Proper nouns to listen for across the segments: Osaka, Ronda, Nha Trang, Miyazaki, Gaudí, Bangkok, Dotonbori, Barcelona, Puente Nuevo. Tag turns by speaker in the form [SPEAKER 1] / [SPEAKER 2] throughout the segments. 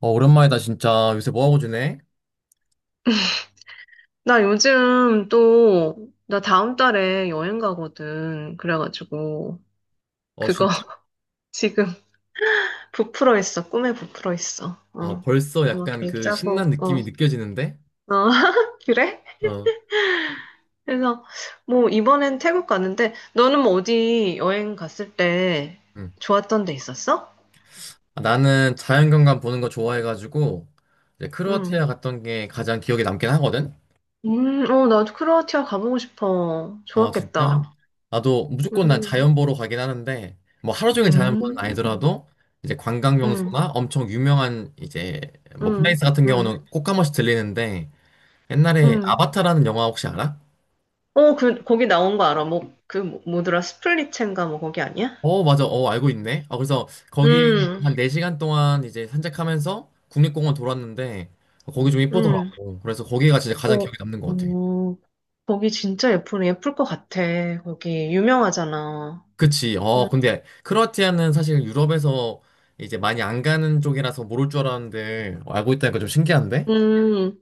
[SPEAKER 1] 어, 오랜만이다, 진짜. 요새 뭐하고 지내?
[SPEAKER 2] 나 다음 달에 여행 가거든. 그래가지고,
[SPEAKER 1] 어,
[SPEAKER 2] 그거
[SPEAKER 1] 진짜?
[SPEAKER 2] 지금 부풀어 있어. 꿈에 부풀어 있어.
[SPEAKER 1] 아, 벌써 약간
[SPEAKER 2] 계획
[SPEAKER 1] 그
[SPEAKER 2] 짜고,
[SPEAKER 1] 신난 느낌이 느껴지는데?
[SPEAKER 2] 어, 그래?
[SPEAKER 1] 어,
[SPEAKER 2] 그래서, 뭐, 이번엔 태국 가는데, 너는 뭐 어디 여행 갔을 때
[SPEAKER 1] 응.
[SPEAKER 2] 좋았던 데 있었어?
[SPEAKER 1] 아, 나는 자연경관 보는 거 좋아해가지고, 이제
[SPEAKER 2] 응.
[SPEAKER 1] 크로아티아 갔던 게 가장 기억에 남긴 하거든?
[SPEAKER 2] 나도 크로아티아 가보고 싶어.
[SPEAKER 1] 어, 진짜?
[SPEAKER 2] 좋았겠다.
[SPEAKER 1] 나도 무조건 난
[SPEAKER 2] 음.
[SPEAKER 1] 자연 보러 가긴 하는데, 뭐 하루 종일 자연 보는 건
[SPEAKER 2] 음.
[SPEAKER 1] 아니더라도, 이제 관광
[SPEAKER 2] 음.
[SPEAKER 1] 명소나 엄청 유명한 이제, 뭐
[SPEAKER 2] 음.
[SPEAKER 1] 플레이스 같은
[SPEAKER 2] 음.
[SPEAKER 1] 경우는 꼭 한 번씩 들리는데, 옛날에
[SPEAKER 2] 음.
[SPEAKER 1] 아바타라는 영화 혹시 알아?
[SPEAKER 2] 그, 거기 나온 거 알아. 뭐, 그, 뭐더라, 스플릿첸가 뭐, 거기 아니야?
[SPEAKER 1] 어, 맞아. 어, 알고 있네. 아, 그래서 거기
[SPEAKER 2] 음.
[SPEAKER 1] 한 4시간 동안 이제 산책하면서 국립공원 돌았는데 거기 좀
[SPEAKER 2] 음.
[SPEAKER 1] 이쁘더라고. 그래서 거기가 진짜 가장
[SPEAKER 2] 어,
[SPEAKER 1] 기억에 남는 것 같아.
[SPEAKER 2] 음, 거기 진짜 예쁘네. 예쁠 것 같아. 거기 유명하잖아.
[SPEAKER 1] 그치.
[SPEAKER 2] 음.
[SPEAKER 1] 어, 근데 크로아티아는 사실 유럽에서 이제 많이 안 가는 쪽이라서 모를 줄 알았는데 어, 알고 있다니까 좀 신기한데?
[SPEAKER 2] 음.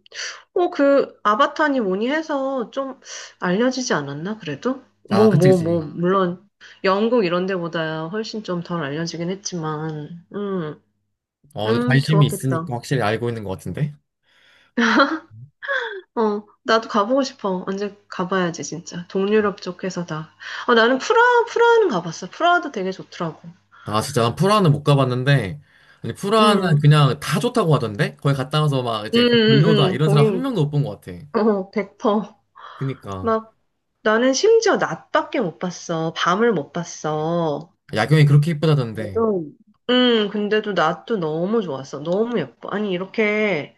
[SPEAKER 2] 그, 아바타니 뭐니 해서 좀 알려지지 않았나, 그래도?
[SPEAKER 1] 아,
[SPEAKER 2] 뭐,
[SPEAKER 1] 그치,
[SPEAKER 2] 뭐, 뭐,
[SPEAKER 1] 그치.
[SPEAKER 2] 물론, 영국 이런 데보다 훨씬 좀 덜 알려지긴 했지만, 음.
[SPEAKER 1] 어,
[SPEAKER 2] 음.
[SPEAKER 1] 관심이
[SPEAKER 2] 좋았겠다.
[SPEAKER 1] 있으니까 확실히 알고 있는 것 같은데?
[SPEAKER 2] 나도 가보고 싶어. 언제 가봐야지, 진짜. 동유럽 쪽에서 다. 나는 프라하는 가봤어. 프라하도 되게 좋더라고.
[SPEAKER 1] 아, 진짜 난 프라하는 못 가봤는데 아니, 프라하는
[SPEAKER 2] 응,
[SPEAKER 1] 그냥 다 좋다고 하던데? 거기 갔다 와서 막
[SPEAKER 2] 응,
[SPEAKER 1] 이제 별로다
[SPEAKER 2] 응, 응.
[SPEAKER 1] 이런 사람 한
[SPEAKER 2] 거긴,
[SPEAKER 1] 명도 못 본 것 같아.
[SPEAKER 2] 100%.
[SPEAKER 1] 그니까.
[SPEAKER 2] 막, 나는 심지어 낮밖에 못 봤어. 밤을 못 봤어.
[SPEAKER 1] 야경이 그렇게 이쁘다던데.
[SPEAKER 2] 그래도 응, 근데도 낮도 너무 좋았어. 너무 예뻐. 아니, 이렇게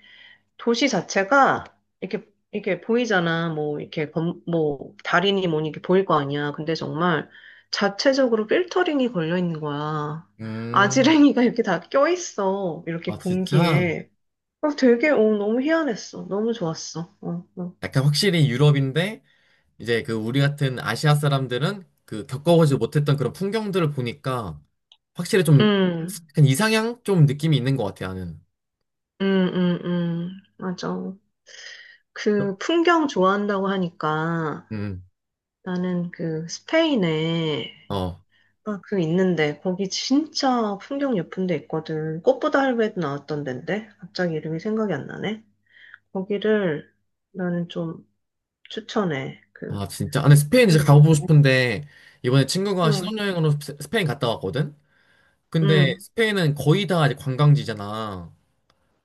[SPEAKER 2] 도시 자체가 이렇게 이렇게 보이잖아. 뭐 이렇게 뭐 달이니 뭐니 이렇게 보일 거 아니야. 근데 정말 자체적으로 필터링이 걸려 있는 거야.
[SPEAKER 1] 음,
[SPEAKER 2] 아지랭이가 이렇게 다 껴있어. 이렇게
[SPEAKER 1] 아, 진짜?
[SPEAKER 2] 공기에. 되게 너무 희한했어. 너무 좋았어. 어. 어.
[SPEAKER 1] 약간 확실히 유럽인데, 이제 그 우리 같은 아시아 사람들은 그 겪어보지 못했던 그런 풍경들을 보니까 확실히 좀
[SPEAKER 2] 음.
[SPEAKER 1] 약간 이상향? 좀 느낌이 있는 것 같아, 나는.
[SPEAKER 2] 음. 음. 음. 맞아. 그 풍경 좋아한다고 하니까
[SPEAKER 1] 음,
[SPEAKER 2] 나는 그 스페인에
[SPEAKER 1] 어.
[SPEAKER 2] 그 있는데 거기 진짜 풍경 예쁜 데 있거든. 꽃보다 할배도 나왔던 데인데 갑자기 이름이 생각이 안 나네. 거기를 나는 좀 추천해. 그,
[SPEAKER 1] 아, 진짜. 아, 근데 스페인 이제
[SPEAKER 2] 네네.
[SPEAKER 1] 가보고 싶은데, 이번에 친구가
[SPEAKER 2] 응.
[SPEAKER 1] 신혼여행으로 스페인 갔다 왔거든? 근데
[SPEAKER 2] 응.
[SPEAKER 1] 스페인은 거의 다 이제 관광지잖아.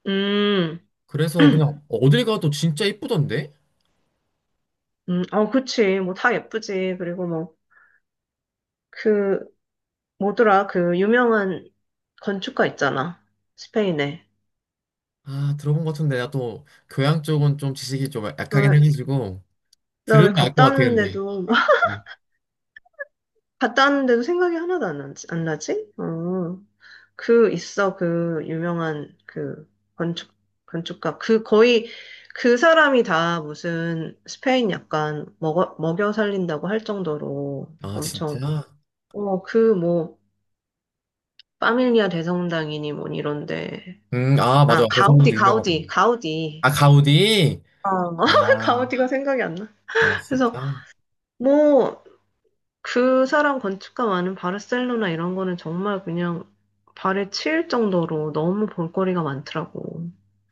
[SPEAKER 2] 음.
[SPEAKER 1] 그래서 그냥 어딜 가도 진짜 이쁘던데?
[SPEAKER 2] 음. 그치. 뭐 다 예쁘지. 그리고 뭐 그 뭐더라 그 유명한 건축가 있잖아. 스페인에.
[SPEAKER 1] 아, 들어본 것 같은데, 나 또 교양 쪽은 좀 지식이 좀 약하긴
[SPEAKER 2] 나,
[SPEAKER 1] 해가지고,
[SPEAKER 2] 나
[SPEAKER 1] 들으면
[SPEAKER 2] 왜
[SPEAKER 1] 알 것
[SPEAKER 2] 갔다
[SPEAKER 1] 같아, 근데.
[SPEAKER 2] 왔는데도
[SPEAKER 1] 뭐.
[SPEAKER 2] 갔다 왔는데도 생각이 하나도 안 나지? 안 나지? 어. 그 있어 그 유명한 그 건축 건축가 그 거의 그 사람이 다 무슨 스페인 약간 먹어 먹여 살린다고 할 정도로
[SPEAKER 1] 아,
[SPEAKER 2] 엄청,
[SPEAKER 1] 진짜?
[SPEAKER 2] 그 뭐 파밀리아 대성당이니 뭐 이런데,
[SPEAKER 1] 아, 맞아.
[SPEAKER 2] 아 가우디,
[SPEAKER 1] 대성공도 유명하잖아.
[SPEAKER 2] 가우디, 가우디.
[SPEAKER 1] 아, 가우디?
[SPEAKER 2] 어
[SPEAKER 1] 아,
[SPEAKER 2] 가우디가 생각이 안 나.
[SPEAKER 1] 아,
[SPEAKER 2] 그래서
[SPEAKER 1] 진짜?
[SPEAKER 2] 뭐 그 사람 건축가 많은 바르셀로나 이런 거는 정말 그냥 발에 치일 정도로 너무 볼거리가 많더라고.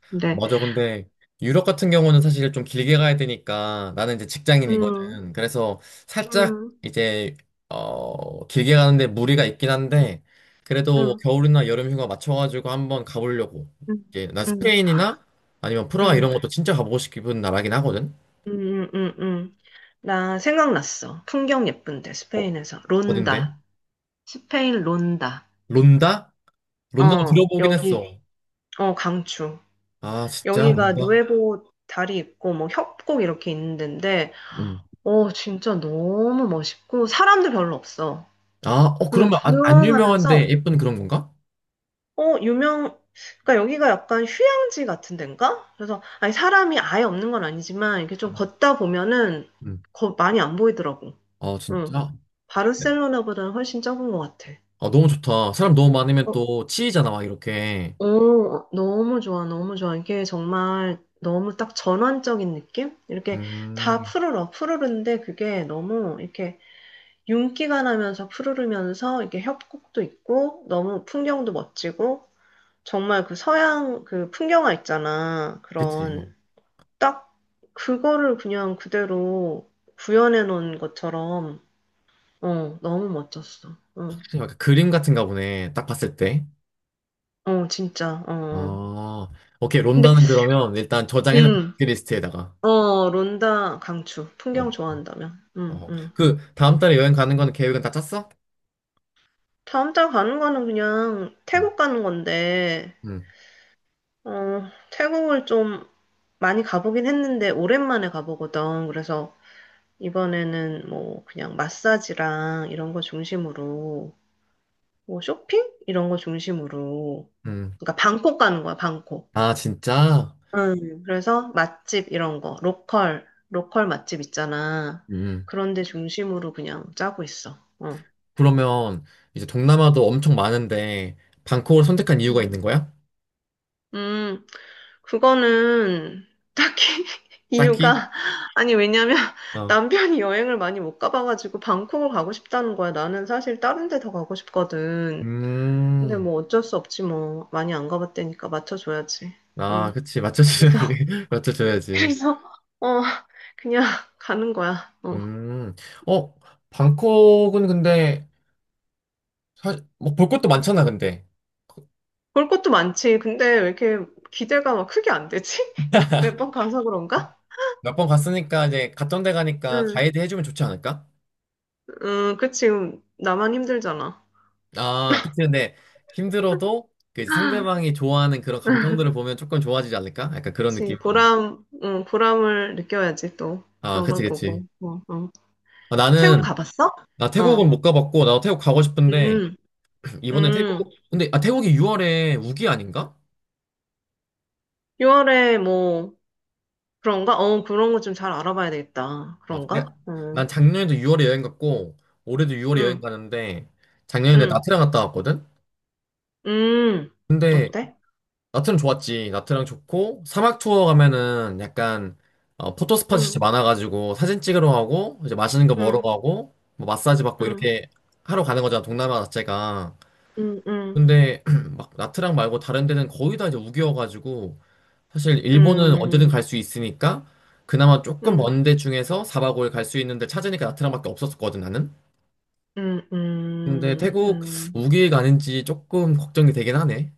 [SPEAKER 2] 근데
[SPEAKER 1] 맞아. 근데 유럽 같은 경우는 사실 좀 길게 가야 되니까 나는 이제
[SPEAKER 2] 음.
[SPEAKER 1] 직장인이거든. 그래서 살짝
[SPEAKER 2] 음.
[SPEAKER 1] 이제 어 길게 가는데 무리가 있긴 한데 그래도 뭐
[SPEAKER 2] 음.
[SPEAKER 1] 겨울이나 여름 휴가 맞춰가지고 한번 가보려고.
[SPEAKER 2] 음.
[SPEAKER 1] 이게 나
[SPEAKER 2] 음. 음.
[SPEAKER 1] 스페인이나 아니면 프라하
[SPEAKER 2] 음.
[SPEAKER 1] 이런 것도 진짜 가보고 싶은 나라긴 하거든.
[SPEAKER 2] 음. 음. 음. 나 생각났어. 풍경 예쁜데,
[SPEAKER 1] 어,
[SPEAKER 2] 스페인에서.
[SPEAKER 1] 어딘데?
[SPEAKER 2] 론다. 스페인 론다.
[SPEAKER 1] 론다? 론다도
[SPEAKER 2] 어,
[SPEAKER 1] 들어보긴 했어.
[SPEAKER 2] 여기, 어, 강추.
[SPEAKER 1] 아 진짜
[SPEAKER 2] 여기가
[SPEAKER 1] 론다.
[SPEAKER 2] 누에보 다리 있고, 뭐, 협곡 이렇게 있는 데인데,
[SPEAKER 1] 음.
[SPEAKER 2] 진짜 너무 멋있고, 사람도 별로 없어.
[SPEAKER 1] 아, 어
[SPEAKER 2] 그래서
[SPEAKER 1] 그러면 안, 안 유명한데
[SPEAKER 2] 조용하면서,
[SPEAKER 1] 예쁜 그런 건가?
[SPEAKER 2] 어, 유명, 그러니까 여기가 약간 휴양지 같은 데인가? 그래서, 아니, 사람이 아예 없는 건 아니지만, 이렇게 좀 걷다 보면은,
[SPEAKER 1] 음.
[SPEAKER 2] 많이 안 보이더라고.
[SPEAKER 1] 아
[SPEAKER 2] 응.
[SPEAKER 1] 진짜?
[SPEAKER 2] 바르셀로나보다는 훨씬 적은 것 같아.
[SPEAKER 1] 아, 너무 좋다. 사람 너무 많으면
[SPEAKER 2] 어,
[SPEAKER 1] 또 치이잖아, 막 이렇게.
[SPEAKER 2] 너무 좋아, 너무 좋아. 이게 정말 너무 딱 전환적인 느낌? 이렇게 다
[SPEAKER 1] 음,
[SPEAKER 2] 푸르른데 그게 너무 이렇게 윤기가 나면서 푸르르면서 이게 협곡도 있고, 너무 풍경도 멋지고, 정말 그 서양 그 풍경화 있잖아.
[SPEAKER 1] 그치. 어.
[SPEAKER 2] 그런 딱 그거를 그냥 그대로 구현해 놓은 것처럼, 너무 멋졌어.
[SPEAKER 1] 약간 그림 같은가 보네. 딱 봤을 때.
[SPEAKER 2] 진짜. 어. 어.
[SPEAKER 1] 아, 오케이.
[SPEAKER 2] 근데
[SPEAKER 1] 론다는 그러면 일단 저장해놓은
[SPEAKER 2] 음.
[SPEAKER 1] 리스트에다가.
[SPEAKER 2] 론다 강추. 풍경
[SPEAKER 1] 어,
[SPEAKER 2] 좋아한다면. 음.
[SPEAKER 1] 어.
[SPEAKER 2] 음.
[SPEAKER 1] 그, 다음 달에 여행 가는 거는 계획은 다 짰어?
[SPEAKER 2] 다음 달 가는 거는 그냥
[SPEAKER 1] 응,
[SPEAKER 2] 태국 가는 건데,
[SPEAKER 1] 응,
[SPEAKER 2] 어, 태국을 좀 많이 가보긴 했는데 오랜만에 가보거든. 그래서 이번에는 뭐 그냥 마사지랑 이런 거 중심으로, 뭐 쇼핑? 이런 거 중심으로.
[SPEAKER 1] 응.
[SPEAKER 2] 그러니까 방콕 가는 거야, 방콕.
[SPEAKER 1] 아, 진짜?
[SPEAKER 2] 응, 그래서 맛집 이런 거, 로컬 맛집 있잖아.
[SPEAKER 1] 음.
[SPEAKER 2] 그런 데 중심으로 그냥 짜고 있어. 어.
[SPEAKER 1] 그러면 이제 동남아도 엄청 많은데, 방콕을 선택한 이유가
[SPEAKER 2] 응.
[SPEAKER 1] 있는 거야?
[SPEAKER 2] 음, 그거는 딱히
[SPEAKER 1] 딱히?
[SPEAKER 2] 이유가, 아니, 왜냐면
[SPEAKER 1] 어.
[SPEAKER 2] 남편이 여행을 많이 못 가봐가지고 방콕을 가고 싶다는 거야. 나는 사실 다른 데 더 가고 싶거든. 근데
[SPEAKER 1] 음.
[SPEAKER 2] 뭐 어쩔 수 없지 뭐. 많이 안 가봤다니까 맞춰줘야지.
[SPEAKER 1] 아,
[SPEAKER 2] 응.
[SPEAKER 1] 그치.
[SPEAKER 2] 그래서
[SPEAKER 1] 맞춰줘야지. 맞춰줘야지.
[SPEAKER 2] 그래서, 어, 그냥 가는 거야. 어.
[SPEAKER 1] 음, 어, 방콕은 근데, 뭐볼 것도 많잖아, 근데.
[SPEAKER 2] 볼 것도 많지. 근데 왜 이렇게 기대가 막 크게 안 되지? 매번 가서 그런가?
[SPEAKER 1] 몇 번 갔으니까 이제 갔던 데 가니까
[SPEAKER 2] 응,
[SPEAKER 1] 가이드 해주면 좋지 않을까?
[SPEAKER 2] 응, 그치. 나만 힘들잖아.
[SPEAKER 1] 아, 그치, 근데 힘들어도 그 이제 상대방이 좋아하는 그런 감정들을 보면 조금 좋아지지 않을까? 약간 그런
[SPEAKER 2] 그치.
[SPEAKER 1] 느낌으로.
[SPEAKER 2] 보람, 응, 보람을 느껴야지 또.
[SPEAKER 1] 아,
[SPEAKER 2] 그런
[SPEAKER 1] 그치,
[SPEAKER 2] 걸
[SPEAKER 1] 그치.
[SPEAKER 2] 보고. 어. 어.
[SPEAKER 1] 아,
[SPEAKER 2] 태국
[SPEAKER 1] 나는,
[SPEAKER 2] 가봤어?
[SPEAKER 1] 나 태국은
[SPEAKER 2] 어.
[SPEAKER 1] 못 가봤고, 나도 태국 가고 싶은데,
[SPEAKER 2] 음.
[SPEAKER 1] 이번에 태국,
[SPEAKER 2] 음.
[SPEAKER 1] 근데, 아, 태국이 6월에 우기 아닌가?
[SPEAKER 2] 6월에 뭐, 그런가? 그런 거 좀 잘 알아봐야 되겠다.
[SPEAKER 1] 어, 내,
[SPEAKER 2] 그런가? 어.
[SPEAKER 1] 난 작년에도 6월에 여행 갔고, 올해도 6월에 여행
[SPEAKER 2] 응,
[SPEAKER 1] 가는데, 작년에
[SPEAKER 2] 응,
[SPEAKER 1] 나트랑 갔다 왔거든?
[SPEAKER 2] 응.
[SPEAKER 1] 근데
[SPEAKER 2] 어때?
[SPEAKER 1] 나트랑 좋았지. 나트랑 좋고 사막 투어 가면은 약간 어, 포토 스팟이 진짜
[SPEAKER 2] 응,
[SPEAKER 1] 많아가지고 사진 찍으러 가고 이제 맛있는 거 먹으러
[SPEAKER 2] 응,
[SPEAKER 1] 가고 뭐 마사지 받고
[SPEAKER 2] 응.
[SPEAKER 1] 이렇게 하러 가는 거잖아. 동남아 자체가.
[SPEAKER 2] 음, 음,
[SPEAKER 1] 근데 막 나트랑 말고 다른 데는 거의 다 이제 우기여가지고 사실 일본은 언제든
[SPEAKER 2] 음,
[SPEAKER 1] 갈 수 있으니까 그나마 조금
[SPEAKER 2] 음,
[SPEAKER 1] 먼 데 중에서 사박 5일 갈 수 있는데 찾으니까 나트랑밖에 없었거든 나는.
[SPEAKER 2] 음,
[SPEAKER 1] 근데
[SPEAKER 2] 음,
[SPEAKER 1] 태국
[SPEAKER 2] 음,
[SPEAKER 1] 우기가 아닌지 조금 걱정이 되긴 하네.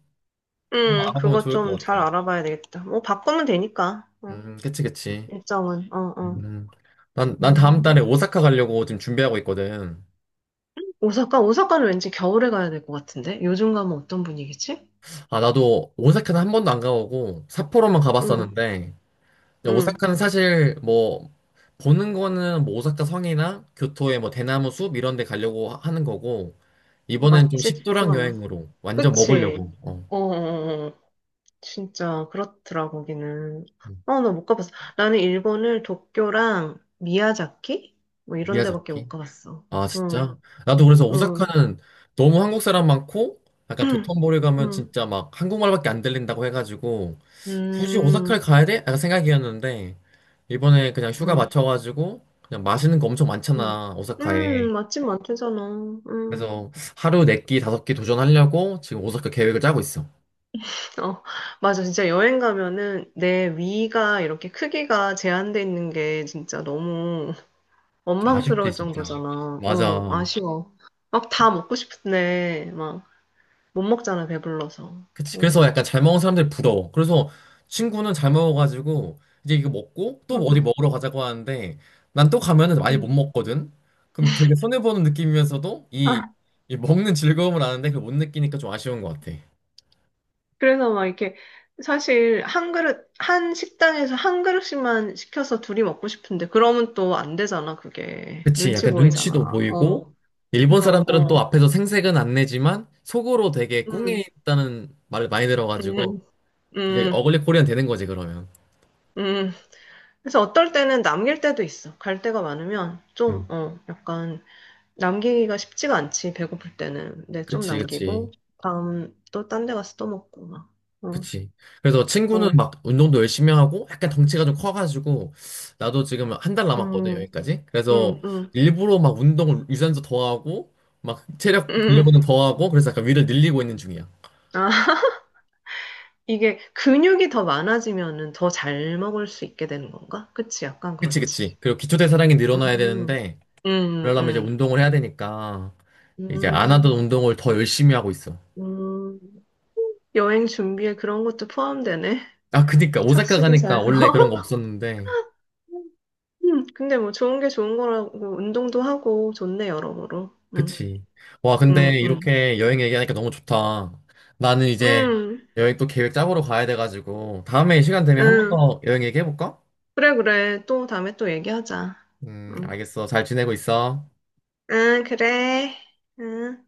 [SPEAKER 1] 한번 알아보면
[SPEAKER 2] 그거
[SPEAKER 1] 좋을
[SPEAKER 2] 좀
[SPEAKER 1] 것
[SPEAKER 2] 잘
[SPEAKER 1] 같아.
[SPEAKER 2] 알아봐야 되겠다. 뭐, 바꾸면 되니까,
[SPEAKER 1] 그치, 그치.
[SPEAKER 2] 일정은,
[SPEAKER 1] 음. 난 다음 달에
[SPEAKER 2] 음.
[SPEAKER 1] 오사카 가려고 지금 준비하고 있거든.
[SPEAKER 2] 오사카? 오사카는 왠지 겨울에 가야 될 것 같은데? 요즘 가면 어떤 분위기지?
[SPEAKER 1] 아, 나도 오사카는 한 번도 안 가보고 삿포로만
[SPEAKER 2] 응.
[SPEAKER 1] 가봤었는데, 근데
[SPEAKER 2] 응.
[SPEAKER 1] 오사카는 사실 뭐, 보는 거는 뭐 오사카 성이나 교토의 뭐 대나무 숲 이런 데 가려고 하는 거고, 이번엔 좀
[SPEAKER 2] 맛집 투어
[SPEAKER 1] 식도락
[SPEAKER 2] 아니야.
[SPEAKER 1] 여행으로 완전
[SPEAKER 2] 그치?
[SPEAKER 1] 먹으려고, 어,
[SPEAKER 2] 어. 어. 어. 어. 진짜 그렇더라, 거기는.
[SPEAKER 1] 음,
[SPEAKER 2] 나 못 가봤어. 나는 일본을 도쿄랑 미야자키? 뭐 이런 데밖에 못
[SPEAKER 1] 미야자키.
[SPEAKER 2] 가봤어.
[SPEAKER 1] 아,
[SPEAKER 2] 응.
[SPEAKER 1] 진짜? 나도 그래서
[SPEAKER 2] 응.
[SPEAKER 1] 오사카는 너무 한국 사람 많고, 약간
[SPEAKER 2] 음,
[SPEAKER 1] 도톤보리 가면
[SPEAKER 2] 음,
[SPEAKER 1] 진짜 막 한국말밖에 안 들린다고 해가지고, 굳이
[SPEAKER 2] 음,
[SPEAKER 1] 오사카를 가야 돼? 약간 생각이었는데, 이번에 그냥 휴가
[SPEAKER 2] 음,
[SPEAKER 1] 맞춰가지고, 그냥 맛있는 거 엄청
[SPEAKER 2] 음,
[SPEAKER 1] 많잖아, 오사카에.
[SPEAKER 2] 맛집 많대잖아. 음,
[SPEAKER 1] 그래서 하루 네 끼, 다섯 끼 도전하려고 지금 오사카 계획을 짜고 있어.
[SPEAKER 2] 어, 맞아. 진짜 여행 가면은 내 위가 이렇게 크기가 제한돼 있는 게 진짜 너무
[SPEAKER 1] 좀 아쉽지,
[SPEAKER 2] 원망스러울
[SPEAKER 1] 진짜.
[SPEAKER 2] 정도잖아.
[SPEAKER 1] 맞아.
[SPEAKER 2] 아쉬워. 막 다 먹고 싶은데 막 못 먹잖아, 배불러서.
[SPEAKER 1] 그치.
[SPEAKER 2] 어.
[SPEAKER 1] 그래서 약간 잘 먹은 사람들 부러워. 그래서 친구는 잘 먹어가지고 이제 이거 먹고 또
[SPEAKER 2] 음.
[SPEAKER 1] 어디 먹으러 가자고 하는데 난 또 가면은 많이 못
[SPEAKER 2] 음.
[SPEAKER 1] 먹거든. 그럼 되게 손해보는 느낌이면서도 이 먹는 즐거움을 아는데 그걸 못 느끼니까 좀 아쉬운 것 같아.
[SPEAKER 2] 그래서 막 이렇게 사실 한 그릇, 한 식당에서 한 그릇씩만 시켜서 둘이 먹고 싶은데 그러면 또 안 되잖아, 그게.
[SPEAKER 1] 그치.
[SPEAKER 2] 눈치
[SPEAKER 1] 약간
[SPEAKER 2] 보이잖아.
[SPEAKER 1] 눈치도
[SPEAKER 2] 어.
[SPEAKER 1] 보이고 일본
[SPEAKER 2] 그래서,
[SPEAKER 1] 사람들은 또
[SPEAKER 2] 어.
[SPEAKER 1] 앞에서 생색은 안 내지만 속으로 되게 꿍해
[SPEAKER 2] 음.
[SPEAKER 1] 있다는 말을 많이 들어가지고
[SPEAKER 2] 음.
[SPEAKER 1] 이제
[SPEAKER 2] 음.
[SPEAKER 1] 어글리 코리안 되는 거지 그러면.
[SPEAKER 2] 음. 그래서 어떨 때는 남길 때도 있어. 갈 데가 많으면 좀,
[SPEAKER 1] 음.
[SPEAKER 2] 약간 남기기가 쉽지가 않지, 배고플 때는. 근데 좀
[SPEAKER 1] 그치, 그치.
[SPEAKER 2] 남기고, 다음 또 딴 데 가서 또 먹고 막. 어.
[SPEAKER 1] 그치. 그래서 친구는
[SPEAKER 2] 어.
[SPEAKER 1] 막 운동도 열심히 하고 약간 덩치가 좀 커가지고 나도 지금 한 달 남았거든,
[SPEAKER 2] 음.
[SPEAKER 1] 여기까지. 그래서
[SPEAKER 2] 음. 음.
[SPEAKER 1] 일부러 막 운동을 유산소 더 하고 막 체력
[SPEAKER 2] 음.
[SPEAKER 1] 근력은 더 하고 그래서 약간 위를 늘리고 있는 중이야.
[SPEAKER 2] 아. 이게 근육이 더 많아지면은 더 잘 먹을 수 있게 되는 건가? 그치, 약간
[SPEAKER 1] 그치,
[SPEAKER 2] 그렇지.
[SPEAKER 1] 그치. 그리고 기초대사량이 늘어나야
[SPEAKER 2] 음,
[SPEAKER 1] 되는데
[SPEAKER 2] 음,
[SPEAKER 1] 그러려면 이제
[SPEAKER 2] 음,
[SPEAKER 1] 운동을 해야 되니까 이제 안 하던
[SPEAKER 2] 음,
[SPEAKER 1] 운동을 더 열심히 하고 있어.
[SPEAKER 2] 음. 여행 준비에 그런 것도 포함되네.
[SPEAKER 1] 아, 그니까 오사카
[SPEAKER 2] 착실히
[SPEAKER 1] 가니까
[SPEAKER 2] 잘.
[SPEAKER 1] 원래 그런 거 없었는데
[SPEAKER 2] 근데 뭐 좋은 게 좋은 거라고 운동도 하고 좋네, 여러모로.
[SPEAKER 1] 그치. 와,
[SPEAKER 2] 음,
[SPEAKER 1] 근데
[SPEAKER 2] 음,
[SPEAKER 1] 이렇게 여행 얘기하니까 너무 좋다. 나는 이제
[SPEAKER 2] 음,
[SPEAKER 1] 여행 또 계획 짜보러 가야 돼가지고, 다음에 시간 되면 한 번
[SPEAKER 2] 음.
[SPEAKER 1] 더 여행 얘기해볼까?
[SPEAKER 2] 그래, 그래. 또 다음에 또 얘기하자. 음,
[SPEAKER 1] 알겠어. 잘 지내고 있어.
[SPEAKER 2] 그래. 음.